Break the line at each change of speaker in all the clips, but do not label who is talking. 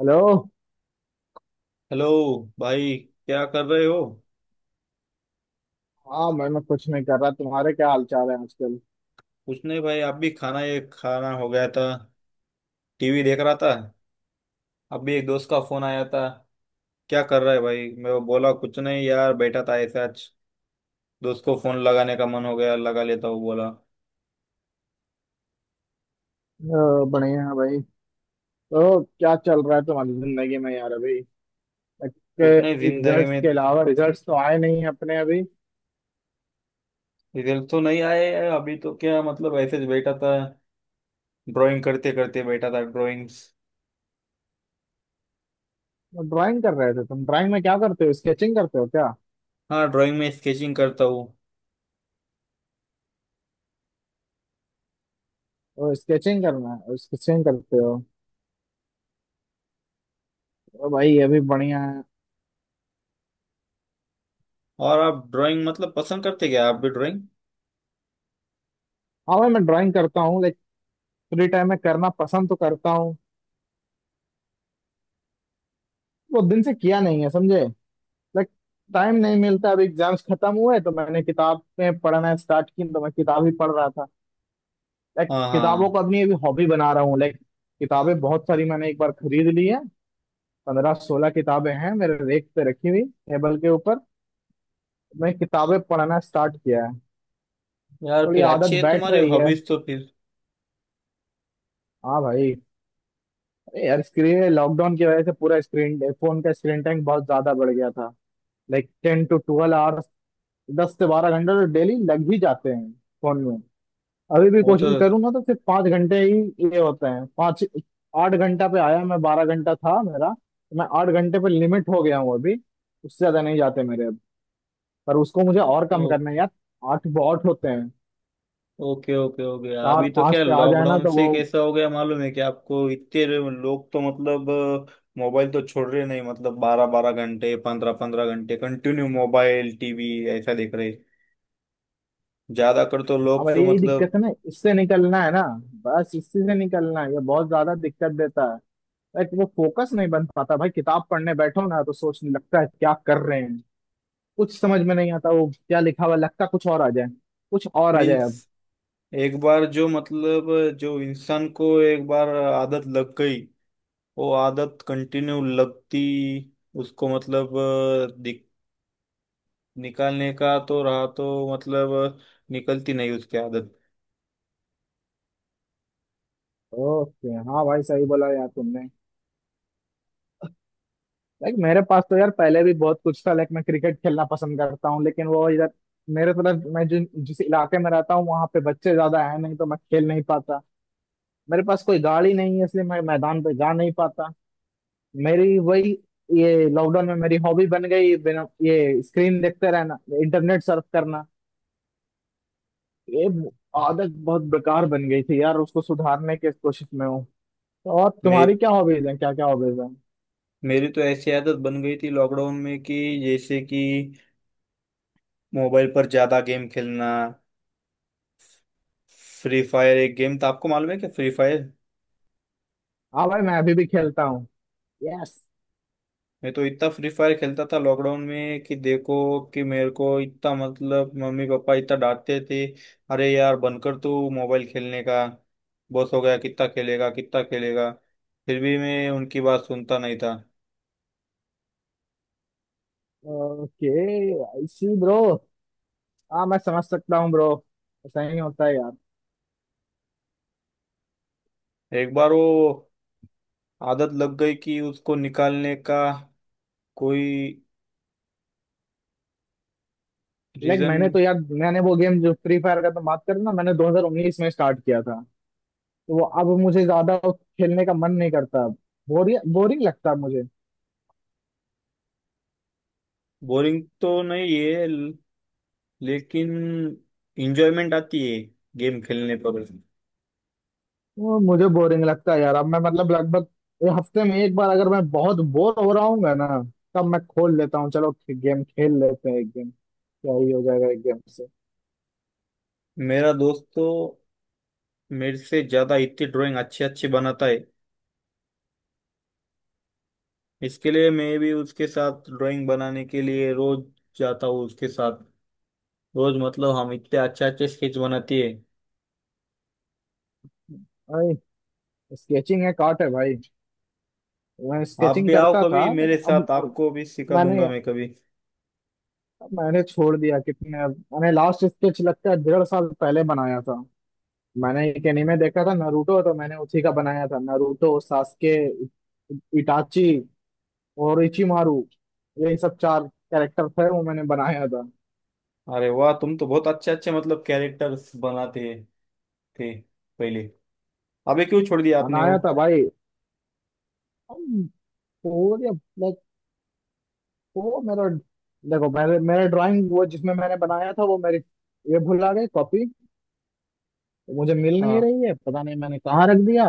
Hello.
Hello भाई। क्या कर रहे हो?
हाँ, मैं कुछ नहीं कर रहा। तुम्हारे क्या हाल चाल है आजकल?
कुछ नहीं भाई, आप भी खाना ये खाना हो गया था। टीवी देख रहा था। अभी एक दोस्त का फोन आया था। क्या कर रहा है भाई, मैं बोला कुछ नहीं यार, बैठा था ऐसे आज दोस्त को फोन लगाने का मन हो गया, लगा लेता हूँ बोला।
बढ़िया है भाई। तो क्या चल रहा है तुम्हारी जिंदगी में यार अभी?
कुछ नहीं जिंदगी
रिजल्ट्स
में।
के अलावा, रिजल्ट्स तो आए नहीं हैं अपने अभी।
रिजल्ट तो नहीं आए हैं, अभी तो क्या मतलब ऐसे ही बैठा था। ड्राइंग करते करते बैठा था, ड्राइंग्स।
तो ड्राइंग कर रहे थे तुम? ड्राइंग में क्या करते हो, स्केचिंग करते हो क्या?
हाँ, ड्राइंग में स्केचिंग करता हूँ।
ओ, स्केचिंग करना है, स्केचिंग करते हो। ओ भाई, ये भी बढ़िया है।
और आप ड्राइंग मतलब पसंद करते क्या, आप भी ड्राइंग?
हाँ भाई, मैं ड्राइंग करता हूँ। लाइक फ्री टाइम में करना पसंद तो करता हूँ। वो दिन से किया नहीं है, समझे। लाइक टाइम नहीं मिलता। अभी एग्जाम्स खत्म हुए तो मैंने किताबें पढ़ना स्टार्ट की, तो मैं किताब ही पढ़ रहा था। लाइक
हाँ
किताबों
हाँ,
को अपनी अभी हॉबी बना रहा हूँ, लाइक। किताबें बहुत सारी मैंने एक बार खरीद ली है। 15-16 किताबें हैं मेरे रेक पे रखी हुई, टेबल के ऊपर। मैं किताबें पढ़ना स्टार्ट किया है।
यार
थोड़ी
फिर
आदत
अच्छी है
बैठ
तुम्हारी
रही है।
हॉबीज तो फिर।
हाँ भाई। अरे यार, स्क्रीन, लॉकडाउन की वजह से पूरा स्क्रीन, फोन का स्क्रीन टाइम बहुत ज्यादा बढ़ गया था। Like 10 to 12 hours। 10 से 12 घंटे तो डेली लग ही जाते हैं फोन। अभी भी
वो तो।
कोशिश करूँ ना तो सिर्फ 5 घंटे ही। ये होते हैं पाँच। 8 घंटा पे आया मैं, 12 घंटा था मेरा, तो मैं 8 घंटे पे लिमिट हो गया हूँ अभी। उससे ज्यादा नहीं जाते मेरे अब। पर उसको मुझे और कम
ओ,
करना है यार। आठ बहुत होते हैं।
ओके ओके, हो गया
चार
अभी तो?
पाँच
क्या
पे आ जाए ना
लॉकडाउन
तो
से
वो।
कैसा हो गया मालूम है कि आपको, इतने लोग तो मतलब मोबाइल तो छोड़ रहे नहीं, मतलब 12 12 घंटे 15 15 घंटे कंटिन्यू मोबाइल टीवी ऐसा देख रहे, ज्यादा कर तो
अब
लोग तो
यही दिक्कत
मतलब।
है ना, इससे निकलना है ना। बस इसी से निकलना है, ये बहुत ज्यादा दिक्कत देता है। लाइक वो फोकस नहीं बन पाता भाई। किताब पढ़ने बैठो ना तो सोचने लगता है क्या कर रहे हैं। कुछ समझ में नहीं आता वो क्या लिखा हुआ है, लगता कुछ और आ जाए, कुछ और आ
मीन्स
जाए।
एक बार जो मतलब, जो इंसान को एक बार आदत लग गई वो आदत कंटिन्यू लगती, उसको मतलब निकालने का तो रहा तो मतलब निकलती नहीं उसकी आदत।
ओके। हाँ भाई सही बोला यार तुमने। लाइक मेरे पास तो यार पहले भी बहुत कुछ था। लाइक मैं क्रिकेट खेलना पसंद करता हूँ, लेकिन वो इधर मेरे तरफ, मैं जिन जिस इलाके में रहता हूँ वहाँ पे बच्चे ज्यादा है नहीं तो मैं खेल नहीं पाता। मेरे पास कोई गाड़ी नहीं है इसलिए मैं मैदान पे जा नहीं पाता। मेरी वही, ये लॉकडाउन में मेरी हॉबी बन गई, बिना ये स्क्रीन देखते रहना, इंटरनेट सर्फ करना। ये आदत बहुत बेकार बन गई थी यार, उसको सुधारने की कोशिश में हूँ। तो और
मे
तुम्हारी क्या हॉबीज है, क्या क्या हॉबीज है?
मेरी तो ऐसी आदत बन गई थी लॉकडाउन में कि जैसे कि मोबाइल पर ज्यादा गेम खेलना। फ्री फायर एक गेम था, आपको मालूम है क्या फ्री फायर?
हाँ भाई, मैं अभी भी खेलता हूँ। यस।
मैं तो इतना फ्री फायर खेलता था लॉकडाउन में कि देखो कि मेरे को इतना मतलब मम्मी पापा इतना डांटते थे, अरे यार बनकर तू मोबाइल खेलने का, बस हो गया, कितना खेलेगा कितना खेलेगा। फिर भी मैं उनकी बात सुनता नहीं था।
ओके। I see bro. हाँ मैं समझ सकता हूँ ब्रो। ऐसा ही होता है यार।
एक बार वो आदत लग गई कि उसको निकालने का कोई
लाइक
रीजन।
मैंने तो यार, मैंने वो गेम, जो फ्री फायर का तो बात करें ना, मैंने 2019 में स्टार्ट किया था। तो वो अब मुझे ज्यादा खेलने का मन नहीं करता अब। बोरिंग, बोरिंग लगता है मुझे।
बोरिंग तो नहीं है, लेकिन इंजॉयमेंट आती है गेम खेलने पर।
वो मुझे बोरिंग लगता है यार। अब मैं मतलब लगभग ये हफ्ते में एक बार अगर मैं बहुत बोर हो रहा हूँ ना, तब मैं खोल लेता हूँ, चलो गेम खेल लेते हैं, एक गेम। क्या ही हो जाएगा एक गेम से।
मेरा दोस्त तो मेरे से ज्यादा इतनी ड्राइंग अच्छी अच्छी बनाता है, इसके लिए मैं भी उसके साथ ड्राइंग बनाने के लिए रोज जाता हूँ उसके साथ। रोज मतलब हम इतने अच्छे अच्छे स्केच बनाती है।
भाई, स्केचिंग है काट है भाई। मैं
आप
स्केचिंग
भी आओ
करता था
कभी मेरे
लेकिन
साथ,
अब
आपको भी सिखा
मैंने
दूंगा मैं कभी।
मैंने छोड़ दिया। कितने अब, मैंने लास्ट स्केच लगता है 1.5 साल पहले बनाया था। मैंने एक एनीमे देखा था, नारुतो, तो मैंने उसी का बनाया था। नारुतो, सास्के, इटाची और इचिमारू, यही सब चार कैरेक्टर थे, वो मैंने बनाया था।
अरे वाह, तुम तो बहुत अच्छे अच्छे मतलब कैरेक्टर्स बनाते हैं थी पहले। अबे क्यों छोड़ दिया आपने वो?
बनाया था भाई। वो, या, लाइक, वो मेरा, देखो मेरे मेरे ड्राइंग, वो जिसमें मैंने बनाया था वो मेरी, ये भुला गई कॉपी, मुझे मिल नहीं
हाँ,
रही है, पता नहीं मैंने कहाँ रख दिया।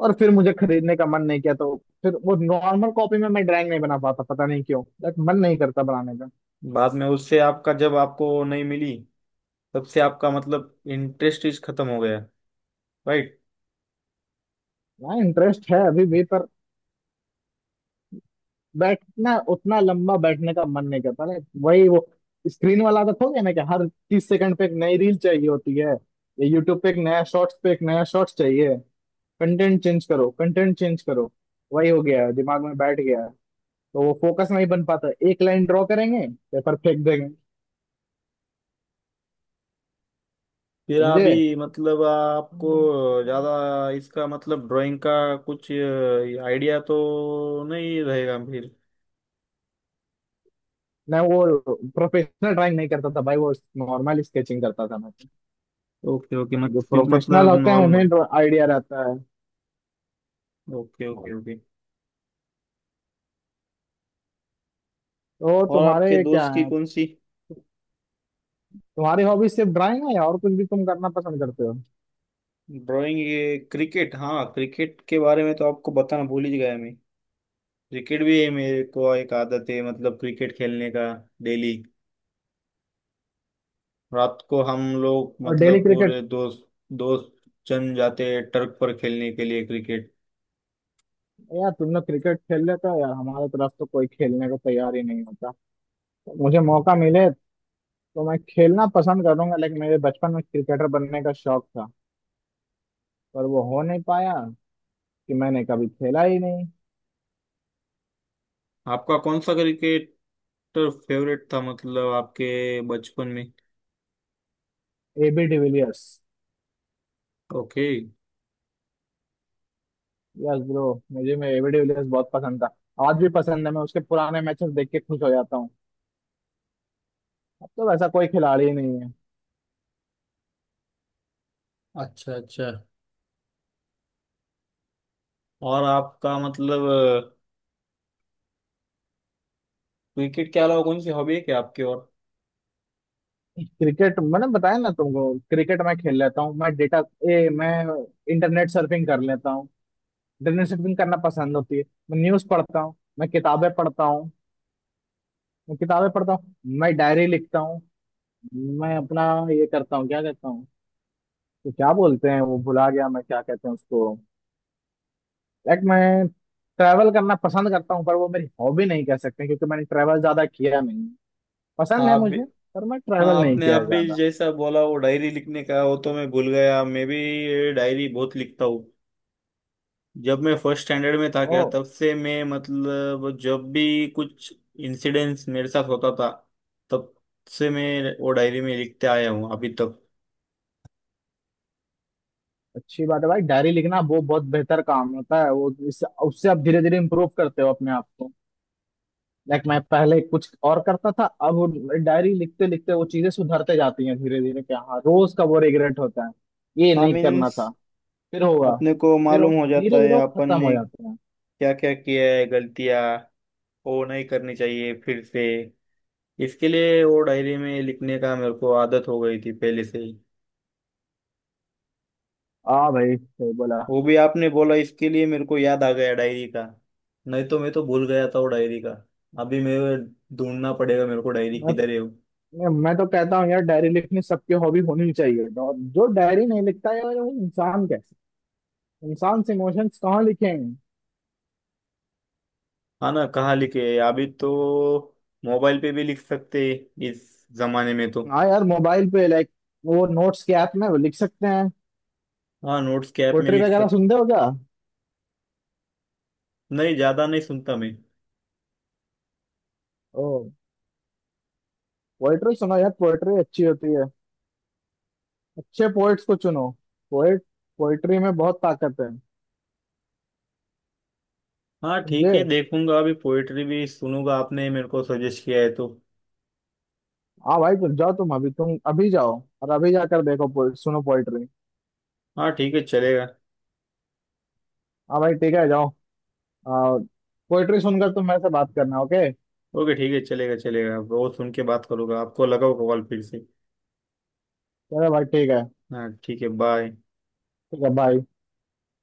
और फिर मुझे खरीदने का मन नहीं किया। तो फिर वो नॉर्मल कॉपी में मैं ड्राइंग नहीं बना पाता, पता नहीं क्यों। लाइक मन नहीं करता बनाने का।
बाद में उससे आपका जब आपको नहीं मिली तब से आपका मतलब इंटरेस्ट इस खत्म हो गया, राइट?
हाँ, इंटरेस्ट है अभी भी पर बैठना, उतना लंबा बैठने का मन नहीं करता। लाइक वही वो स्क्रीन वाला आदत हो गया ना कि हर 30 सेकंड पे एक नई रील चाहिए होती है, या यूट्यूब पे एक नया शॉर्ट्स पे एक नया शॉर्ट्स चाहिए। कंटेंट चेंज करो, कंटेंट चेंज करो। वही हो गया है, दिमाग में बैठ गया है। तो वो फोकस नहीं बन पाता, एक लाइन ड्रॉ करेंगे, पेपर फेंक देंगे।
फिर
समझे।
अभी मतलब आपको ज्यादा इसका मतलब ड्राइंग का कुछ आइडिया तो नहीं रहेगा फिर।
मैं वो प्रोफेशनल ड्राइंग नहीं करता था भाई, वो नॉर्मल स्केचिंग करता था मैं।
ओके ओके, मत
जो
फिर
प्रोफेशनल
मतलब
होते हैं
नॉर्मल।
उन्हें आइडिया रहता है।
Okay okay okay.
तो
और आपके
तुम्हारे क्या
दोस्त की
है,
कौन सी?
तुम्हारी हॉबी सिर्फ ड्राइंग है या और कुछ भी तुम करना पसंद करते हो?
ड्राइंग, ये क्रिकेट, हाँ क्रिकेट के बारे में तो आपको बताना भूल ही गया मैं। क्रिकेट भी है मेरे को एक आदत है मतलब क्रिकेट खेलने का। डेली रात को हम लोग
और डेली
मतलब
क्रिकेट।
पूरे दोस्त दोस्त जन जाते हैं टर्क पर खेलने के लिए क्रिकेट।
यार तुम लोग क्रिकेट खेल लेते हो यार, हमारे तरफ तो कोई खेलने को तैयार ही नहीं होता। तो मुझे मौका मिले तो मैं खेलना पसंद करूंगा। लेकिन मेरे बचपन में क्रिकेटर बनने का शौक था, पर वो हो नहीं पाया, कि मैंने कभी खेला ही नहीं।
आपका कौन सा क्रिकेटर फेवरेट था मतलब आपके बचपन में?
AB de Villiers.
Okay.
Yes bro. मुझे, मैं एबी डिविलियर्स बहुत पसंद था। आज भी पसंद है। मैं उसके पुराने मैचेस देख के खुश हो जाता हूँ। अब तो वैसा कोई खिलाड़ी ही नहीं है।
अच्छा अच्छा। और आपका मतलब क्रिकेट के अलावा कौन सी हॉबी है क्या आपके और?
क्रिकेट, मैंने बताया ना तुमको, क्रिकेट मैं खेल लेता हूँ। मैं डेटा ए, मैं इंटरनेट सर्फिंग कर लेता हूँ। इंटरनेट सर्फिंग करना पसंद होती है। मैं न्यूज पढ़ता हूँ, मैं किताबें पढ़ता हूँ, मैं किताबें पढ़ता हूँ, मैं डायरी लिखता हूँ। मैं अपना ये करता हूँ, क्या कहता हूँ, तो क्या बोलते हैं वो, भुला गया मैं, क्या कहते हैं उसको। लाइक मैं ट्रैवल करना पसंद करता हूँ पर वो मेरी हॉबी नहीं कह सकते क्योंकि मैंने ट्रैवल ज्यादा किया नहीं।
हाँ
पसंद है
आप भी।
मुझे, पर मैं
हाँ,
ट्रैवल नहीं
आपने
किया
आप
है
भी
ज्यादा।
जैसा बोला वो डायरी लिखने का, वो तो मैं भूल गया, मैं भी डायरी बहुत लिखता हूँ। जब मैं फर्स्ट स्टैंडर्ड में था
ओ।
क्या, तब से मैं मतलब जब भी कुछ इंसिडेंट्स मेरे साथ होता था, तब से मैं वो डायरी में लिखते आया हूँ अभी तक।
अच्छी बात है भाई, डायरी लिखना वो बहुत बेहतर काम होता है। वो उससे आप धीरे धीरे इम्प्रूव करते हो अपने आप को। लाइक मैं पहले कुछ और करता था, अब वो, डायरी लिखते लिखते वो चीजें सुधरते जाती हैं धीरे धीरे। क्या, हाँ, रोज का वो रिग्रेट होता है, ये
हाँ
नहीं करना
मीन्स,
था, फिर होगा,
अपने को
फिर हो,
मालूम हो जाता
धीरे धीरे
है
वो
अपन
खत्म हो
ने
जाते हैं।
क्या क्या किया है गलतियाँ, वो नहीं करनी चाहिए फिर से। इसके लिए वो डायरी में लिखने का मेरे को आदत हो गई थी पहले से ही।
हाँ भाई, सही बोला।
वो भी आपने बोला इसके लिए मेरे को याद आ गया डायरी का। नहीं तो मैं तो भूल गया था वो डायरी का। अभी मैं ढूंढना पड़ेगा मेरे को डायरी
मैं
किधर है वो।
तो मैं तो कहता हूँ यार डायरी लिखनी सबकी हॉबी होनी चाहिए, और जो डायरी नहीं लिखता है यार वो इंसान कैसे इंसान, से इमोशंस कहाँ लिखेंगे।
हाँ ना, कहाँ लिखे है अभी तो, मोबाइल पे भी लिख सकते हैं इस जमाने में तो।
हाँ यार मोबाइल पे, लाइक, वो नोट्स के ऐप में वो लिख सकते हैं।
हाँ नोट्स के ऐप में
पोएट्री
लिख
वगैरह
सक।
सुनते हो क्या?
नहीं, ज्यादा नहीं सुनता मैं।
ओ। पोएट्री सुनो यार, पोएट्री अच्छी होती है। अच्छे पोएट्स को चुनो। पोएट, पोएट्री में बहुत ताकत है।
हाँ ठीक है,
समझे।
देखूंगा अभी पोइट्री भी सुनूंगा, आपने मेरे को सजेस्ट किया है तो।
हाँ भाई, तुम जाओ, तुम अभी जाओ। और अभी जाकर देखो सुनो पोएट्री।
हाँ ठीक है चलेगा।
हाँ भाई, ठीक है, जाओ। पोएट्री सुनकर तुम मेरे से बात करना। ओके।
ओके ठीक है, चलेगा चलेगा, वो सुन के बात करूंगा आपको, लगाओ कॉल फिर से।
चलो भाई, ठीक है।
हाँ ठीक है, बाय।
ठीक है, बाय।